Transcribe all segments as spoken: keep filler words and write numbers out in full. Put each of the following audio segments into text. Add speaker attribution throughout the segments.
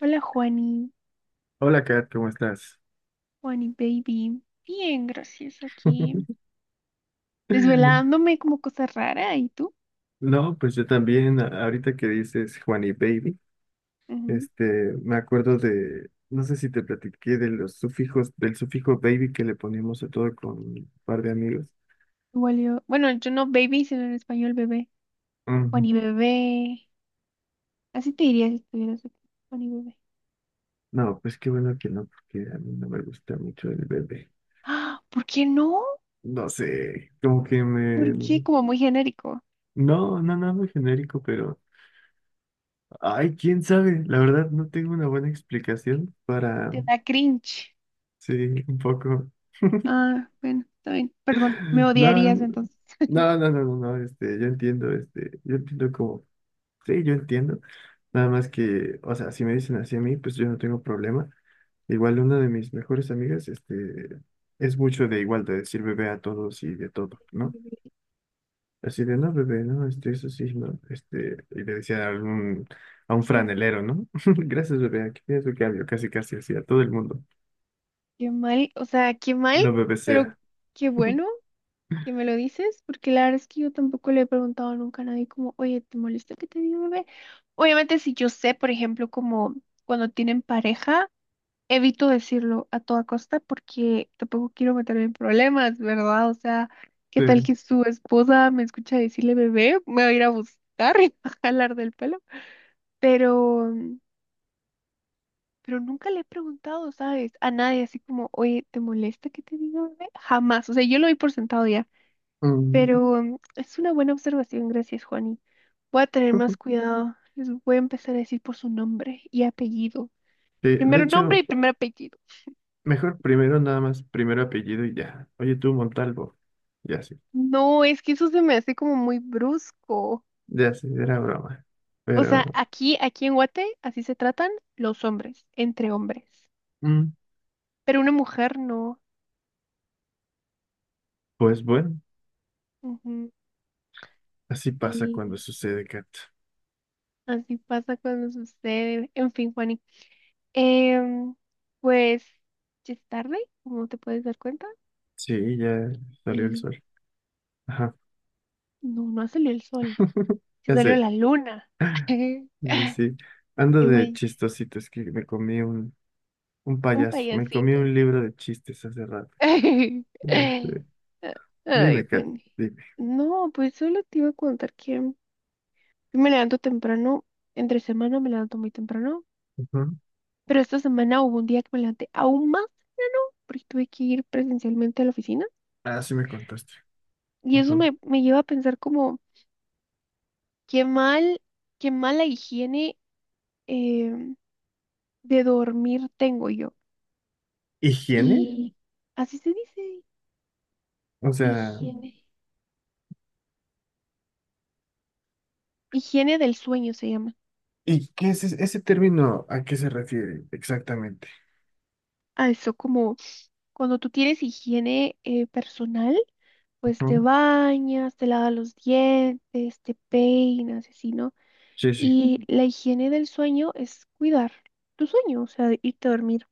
Speaker 1: Hola Juani,
Speaker 2: Hola, Kat, ¿cómo estás?
Speaker 1: Juani baby. Bien, gracias aquí. Desvelándome como cosa rara, ¿y tú?
Speaker 2: No, pues yo también, a- ahorita que dices Juan y Baby,
Speaker 1: Ujú.
Speaker 2: este, me acuerdo de, no sé si te platiqué de los sufijos, del sufijo baby que le poníamos a todo con un par de amigos.
Speaker 1: Igual yo, bueno, yo no baby, sino en español bebé.
Speaker 2: Ujú.
Speaker 1: Juani bebé. Así te diría si estuvieras aquí. Juani bebé.
Speaker 2: No, pues qué bueno que no, porque a mí no me gusta mucho el bebé.
Speaker 1: Ah, ¿por qué no?
Speaker 2: No sé, como que me.
Speaker 1: ¿Por qué? Como muy genérico.
Speaker 2: No, no, no, muy genérico, pero. Ay, quién sabe, la verdad no tengo una buena explicación. Para...
Speaker 1: Te da cringe.
Speaker 2: Sí, un poco.
Speaker 1: Ah, bueno, está bien. Perdón, me
Speaker 2: No,
Speaker 1: odiarías
Speaker 2: no,
Speaker 1: entonces.
Speaker 2: no, no, no, no, este, yo entiendo, este, yo entiendo como, sí, yo entiendo, nada más que, o sea, si me dicen así a mí, pues yo no tengo problema. Igual una de mis mejores amigas, este, es mucho de igual, de decir bebé a todos y de todo, ¿no? Así de, no, bebé, no, este, eso sí, no, este, y le decía a algún, a un
Speaker 1: Qué,
Speaker 2: franelero, ¿no? Gracias, bebé, aquí tienes tu cambio, casi, casi así, a todo el mundo,
Speaker 1: qué mal, o sea, qué mal,
Speaker 2: lo
Speaker 1: pero
Speaker 2: bebecea.
Speaker 1: qué bueno que me lo dices, porque la verdad es que yo tampoco le he preguntado nunca a nadie como, oye, ¿te molesta que te diga bebé? Obviamente si yo sé, por ejemplo, como cuando tienen pareja, evito decirlo a toda costa porque tampoco quiero meterme en problemas, ¿verdad? O sea, ¿qué tal que
Speaker 2: Sí.
Speaker 1: su esposa me escucha decirle bebé? Me va a ir a buscar y me va a jalar del pelo. Pero, pero nunca le he preguntado, ¿sabes? A nadie así como, oye, ¿te molesta que te diga bebé? Jamás. O sea, yo lo doy por sentado ya.
Speaker 2: Mm.
Speaker 1: Pero mm, es una buena observación, gracias, Juani. Voy a tener más cuidado. Les voy a empezar a decir por su nombre y apellido.
Speaker 2: Sí, de
Speaker 1: Primero nombre
Speaker 2: hecho,
Speaker 1: y primer apellido.
Speaker 2: Mejor primero nada más, primero apellido y ya. Oye, tú, Montalvo. Ya sí,
Speaker 1: No, es que eso se me hace como muy brusco.
Speaker 2: ya sí, era broma.
Speaker 1: O sea,
Speaker 2: Pero,
Speaker 1: aquí, aquí en Guate, así se tratan los hombres, entre hombres.
Speaker 2: mm,
Speaker 1: Pero una mujer no.
Speaker 2: pues bueno,
Speaker 1: Ujú.
Speaker 2: así pasa
Speaker 1: Sí,
Speaker 2: cuando sucede, Kat.
Speaker 1: así pasa cuando sucede. En fin, Juani. Em, pues ya es tarde, como te puedes dar cuenta.
Speaker 2: Sí, ya salió el
Speaker 1: Y
Speaker 2: sol. Ajá,
Speaker 1: no, no ha salido el sol. Se
Speaker 2: ya
Speaker 1: salió
Speaker 2: sé.
Speaker 1: la luna.
Speaker 2: Sí, sí. Ando
Speaker 1: Y
Speaker 2: de
Speaker 1: güey,
Speaker 2: chistosito, es que me comí un, un
Speaker 1: un
Speaker 2: payaso, me comí
Speaker 1: payasito.
Speaker 2: un libro de chistes hace rato.
Speaker 1: Ay,
Speaker 2: Este, dime, Kat,
Speaker 1: Juan.
Speaker 2: dime.
Speaker 1: No, pues solo te iba a contar que yo me levanto temprano. Entre semana me levanto muy temprano.
Speaker 2: Ujú.
Speaker 1: Pero esta semana hubo un día que me levanté aún más porque tuve que ir presencialmente a la oficina.
Speaker 2: Ah, sí me contaste.
Speaker 1: Y eso
Speaker 2: Ujú.
Speaker 1: me, me lleva a pensar como, qué mal, qué mala higiene em, de dormir tengo yo.
Speaker 2: ¿Higiene?
Speaker 1: Y así se dice,
Speaker 2: O sea,
Speaker 1: higiene. Higiene del sueño se llama.
Speaker 2: ¿Y qué es ese, ese término? ¿A qué se refiere exactamente?
Speaker 1: Ah, eso como cuando tú tienes higiene eh, personal, pues te
Speaker 2: Ujú.
Speaker 1: bañas, te lavas los dientes, te peinas, así, ¿no?
Speaker 2: Sí, sí.
Speaker 1: Y Ujú. La higiene del sueño es cuidar tu sueño, o sea, irte a dormir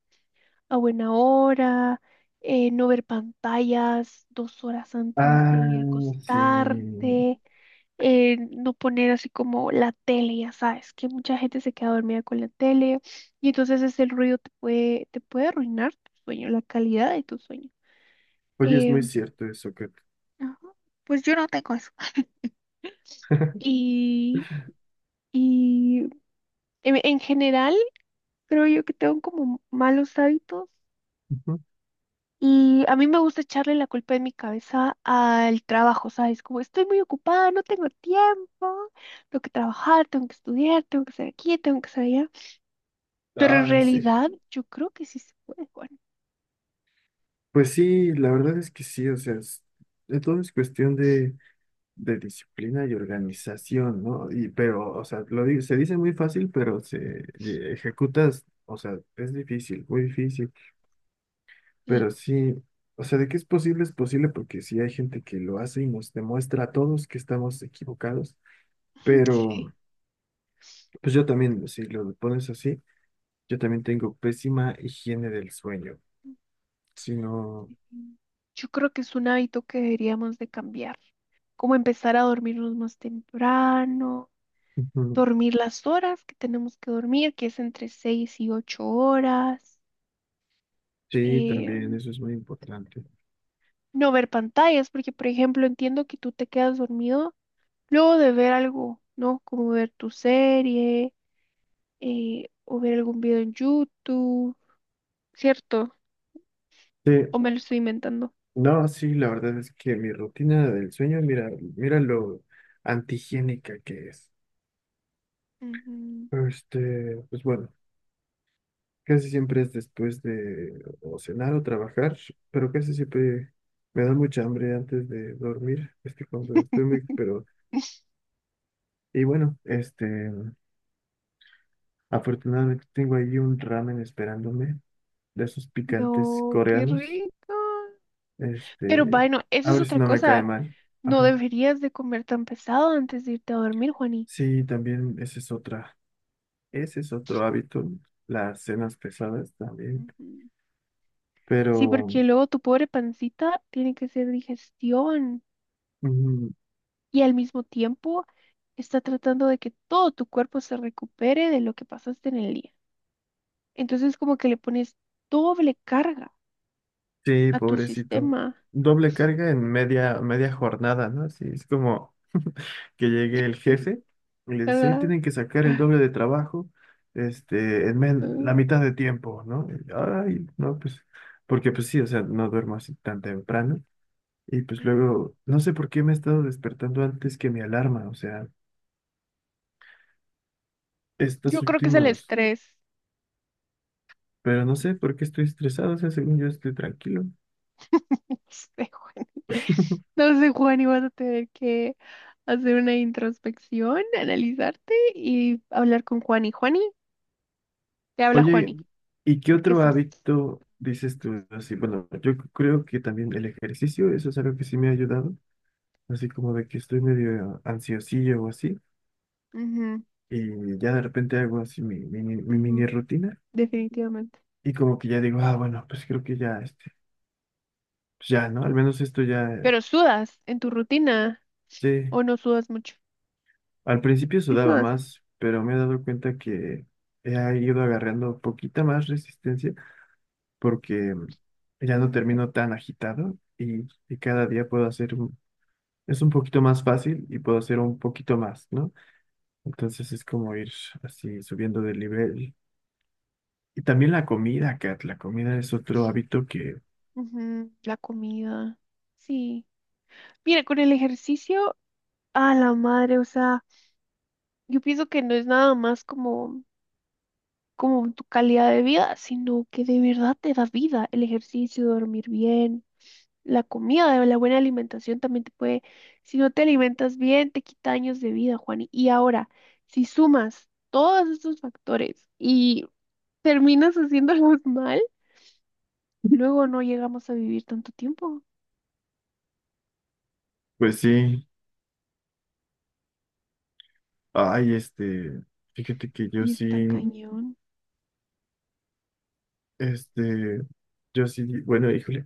Speaker 1: a buena hora, eh, no ver pantallas dos horas antes de
Speaker 2: Ah, sí.
Speaker 1: acostarte, eh, no poner así como la tele, ya sabes, que mucha gente se queda dormida con la tele y entonces ese ruido te puede, te puede arruinar tu sueño, la calidad de tu sueño.
Speaker 2: Oye, es
Speaker 1: Eh,
Speaker 2: muy cierto eso. Que...
Speaker 1: ajá, pues yo no tengo eso. Y, y en, en general creo yo que tengo como malos hábitos.
Speaker 2: Ujú.
Speaker 1: Y a mí me gusta echarle la culpa en mi cabeza al trabajo, ¿sabes? Como estoy muy ocupada, no tengo tiempo, tengo que trabajar, tengo que estudiar, tengo que hacer aquí, tengo que hacer allá. Pero en
Speaker 2: Ah, sí.
Speaker 1: realidad yo creo que sí se puede, Juan.
Speaker 2: Pues sí, la verdad es que sí, o sea, es, de todo es cuestión de, de disciplina y organización, ¿no? Y, pero, o sea, lo, di- se dice muy fácil, pero se eh, ejecutas, o sea, es difícil, muy difícil.
Speaker 1: Y
Speaker 2: Pero sí, o sea, de que es posible, es posible porque sí hay gente que lo hace y nos demuestra a todos que estamos equivocados,
Speaker 1: sí,
Speaker 2: pero pues yo también, si lo pones así, yo también tengo pésima higiene del sueño, si no,
Speaker 1: yo creo que es un hábito que deberíamos de cambiar, como empezar a dormirnos más temprano,
Speaker 2: ujú,
Speaker 1: dormir las horas que tenemos que dormir, que es entre seis y ocho horas,
Speaker 2: sí,
Speaker 1: eh,
Speaker 2: también eso es muy importante.
Speaker 1: no ver pantallas, porque por ejemplo entiendo que tú te quedas dormido luego de ver algo, ¿no? Como ver tu serie eh, o ver algún video en YouTube, ¿cierto?
Speaker 2: Sí,
Speaker 1: ¿O me lo estoy inventando?
Speaker 2: no, sí, la verdad es que mi rutina del sueño, mira, mira lo antihigiénica que es.
Speaker 1: Ujú.
Speaker 2: Este, pues bueno. Casi siempre es después de o cenar o trabajar, pero casi siempre me da mucha hambre antes de dormir. Es que cuando estoy muy, pero, y bueno, este, afortunadamente tengo ahí un ramen esperándome de esos picantes
Speaker 1: No, qué
Speaker 2: coreanos.
Speaker 1: rico. Pero
Speaker 2: Este,
Speaker 1: bueno, eso
Speaker 2: a
Speaker 1: es
Speaker 2: ver si
Speaker 1: otra
Speaker 2: no me cae
Speaker 1: cosa.
Speaker 2: mal.
Speaker 1: No
Speaker 2: Ajá.
Speaker 1: deberías de comer tan pesado antes de irte a dormir, Juani.
Speaker 2: Sí, también esa es otra, ese es otro hábito, las cenas pesadas también,
Speaker 1: Ujú. Sí,
Speaker 2: pero.
Speaker 1: porque luego tu pobre pancita tiene que hacer digestión
Speaker 2: Ujú.
Speaker 1: y al mismo tiempo está tratando de que todo tu cuerpo se recupere de lo que pasaste en el día. Entonces como que le pones doble carga
Speaker 2: Sí,
Speaker 1: a tu
Speaker 2: pobrecito.
Speaker 1: sistema,
Speaker 2: Doble carga en media, media jornada, ¿no? Así es como que llegue el jefe y le dice, hoy
Speaker 1: ¿verdad?
Speaker 2: tienen que sacar el doble
Speaker 1: Ay,
Speaker 2: de trabajo, este, en men- la
Speaker 1: mm.
Speaker 2: mitad de tiempo, ¿no? Y, Ay, no, pues, porque pues sí, o sea, no duermo así tan temprano. Y pues luego, no sé por qué me he estado despertando antes que mi alarma, o sea,
Speaker 1: Yo
Speaker 2: estas
Speaker 1: creo que es el
Speaker 2: últimas,
Speaker 1: estrés.
Speaker 2: pero no sé por qué estoy estresado, o sea, según yo estoy tranquilo.
Speaker 1: Sé, Juani. No sé, Juani, vas a tener que hacer una introspección, analizarte y hablar con Juani. Juani, te habla
Speaker 2: Oye,
Speaker 1: Juani,
Speaker 2: ¿y qué
Speaker 1: porque
Speaker 2: otro
Speaker 1: eso.
Speaker 2: hábito dices tú así? Bueno, yo creo que también el ejercicio, eso es algo que sí me ha ayudado, así como de que estoy medio ansiosillo o así,
Speaker 1: Ujú,
Speaker 2: y ya de repente hago así mi, mi, mi
Speaker 1: ujú,
Speaker 2: mini rutina,
Speaker 1: definitivamente.
Speaker 2: y como que ya digo, ah, bueno, pues creo que ya, este, pues ya, ¿no? Al menos esto ya,
Speaker 1: ¿Pero sudas en tu rutina
Speaker 2: sí,
Speaker 1: o no sudas mucho?
Speaker 2: al principio
Speaker 1: Sí,
Speaker 2: sudaba
Speaker 1: sudas.
Speaker 2: más, pero me he dado cuenta que he ido agarrando poquita más resistencia porque ya no
Speaker 1: Ujú,
Speaker 2: termino tan agitado y, y cada día puedo hacer un es un poquito más fácil y puedo hacer un poquito más, ¿no? Entonces es como ir así subiendo de nivel. Y también la comida, Kat, la comida es otro hábito que,
Speaker 1: ujú. La comida. Sí. Mira, con el ejercicio, a la madre, o sea, yo pienso que no es nada más como. como tu calidad de vida, sino que de verdad te da vida. El ejercicio, dormir bien, la comida, la buena alimentación también te puede, si no te alimentas bien, te quita años de vida, Juan. Y ahora, si sumas todos estos factores y terminas haciéndolos mal, luego no llegamos a vivir tanto tiempo.
Speaker 2: pues sí, ay, este, fíjate que yo
Speaker 1: Y
Speaker 2: sí,
Speaker 1: está cañón.
Speaker 2: este, yo sí, bueno, híjole,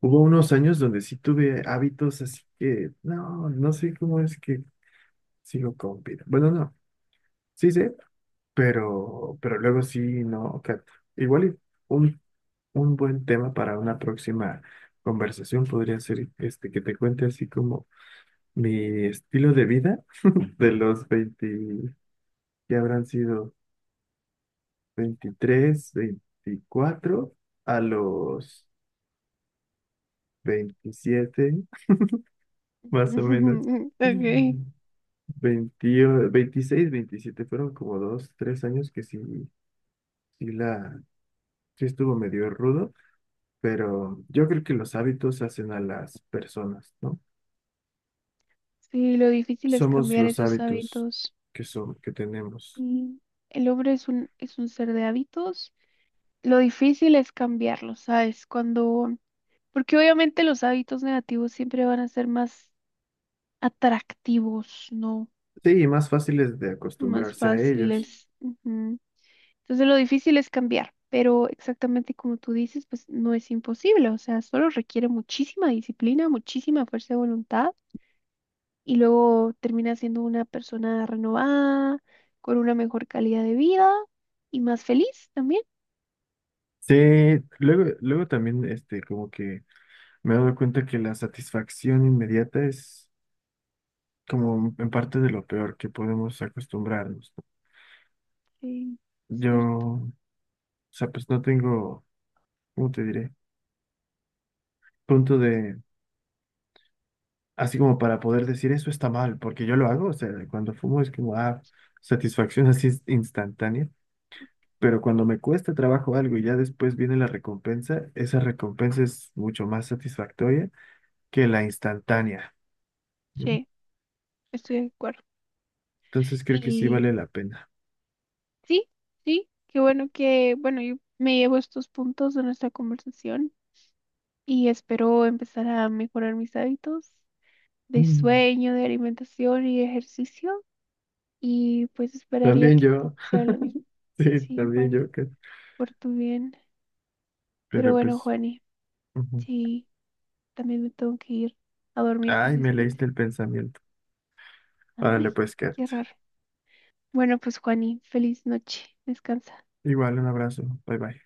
Speaker 2: hubo unos años donde sí tuve hábitos así que, no, no sé cómo es que sigo con vida. Bueno, no, sí sé, pero, pero, luego sí, no, Kat. Igual y un Un buen tema para una próxima conversación podría ser este que te cuente así como mi estilo de vida de los veinte que habrán sido veintitrés veinticuatro a los veintisiete más o menos.
Speaker 1: Okay.
Speaker 2: veinte Veintiséis veintisiete fueron como dos, tres años que sí, sí la, sí estuvo medio rudo, pero yo creo que los hábitos hacen a las personas, ¿no?
Speaker 1: Sí, lo difícil es
Speaker 2: Somos
Speaker 1: cambiar
Speaker 2: los
Speaker 1: esos
Speaker 2: hábitos
Speaker 1: hábitos.
Speaker 2: que son, que tenemos.
Speaker 1: Sí. El hombre es un, es un, ser de hábitos. Lo difícil es cambiarlo, ¿sabes? Cuando, porque obviamente los hábitos negativos siempre van a ser más atractivos, ¿no?
Speaker 2: Sí, y más fáciles de
Speaker 1: Más
Speaker 2: acostumbrarse a ellos.
Speaker 1: fáciles. Ujú. Entonces lo difícil es cambiar, pero exactamente como tú dices, pues no es imposible, o sea, solo requiere muchísima disciplina, muchísima fuerza de voluntad y luego termina siendo una persona renovada, con una mejor calidad de vida y más feliz también.
Speaker 2: Sí, luego, luego también, este, como que me he dado cuenta que la satisfacción inmediata es como en parte de lo peor que podemos acostumbrarnos, ¿no?
Speaker 1: Sí,
Speaker 2: Yo,
Speaker 1: cierto.
Speaker 2: o sea, pues no tengo, ¿cómo te diré? Punto de, así como para poder decir eso está mal, porque yo lo hago, o sea, cuando fumo es como, ah, satisfacción así instantánea. Pero cuando me cuesta trabajo algo y ya después viene la recompensa, esa recompensa es mucho más satisfactoria que la instantánea, ¿no?
Speaker 1: Sí, estoy de acuerdo.
Speaker 2: Entonces creo que sí
Speaker 1: Y
Speaker 2: vale la pena.
Speaker 1: sí, sí, qué bueno que, bueno, yo me llevo estos puntos de nuestra conversación y espero empezar a mejorar mis hábitos de
Speaker 2: Mm.
Speaker 1: sueño, de alimentación y de ejercicio y pues esperaría
Speaker 2: También
Speaker 1: que tú
Speaker 2: yo,
Speaker 1: hicieras lo mismo.
Speaker 2: sí,
Speaker 1: Sí,
Speaker 2: también
Speaker 1: Juani,
Speaker 2: yo, Kat.
Speaker 1: por tu bien. Pero
Speaker 2: Pero
Speaker 1: bueno,
Speaker 2: pues,
Speaker 1: Juani,
Speaker 2: ujú.
Speaker 1: sí, también me tengo que ir a dormir
Speaker 2: Ay, me
Speaker 1: precisamente.
Speaker 2: leíste el pensamiento. Órale,
Speaker 1: Ay,
Speaker 2: pues, Kat.
Speaker 1: qué raro. Bueno, pues Juani, feliz noche. Descansa.
Speaker 2: Igual, un abrazo. Bye bye.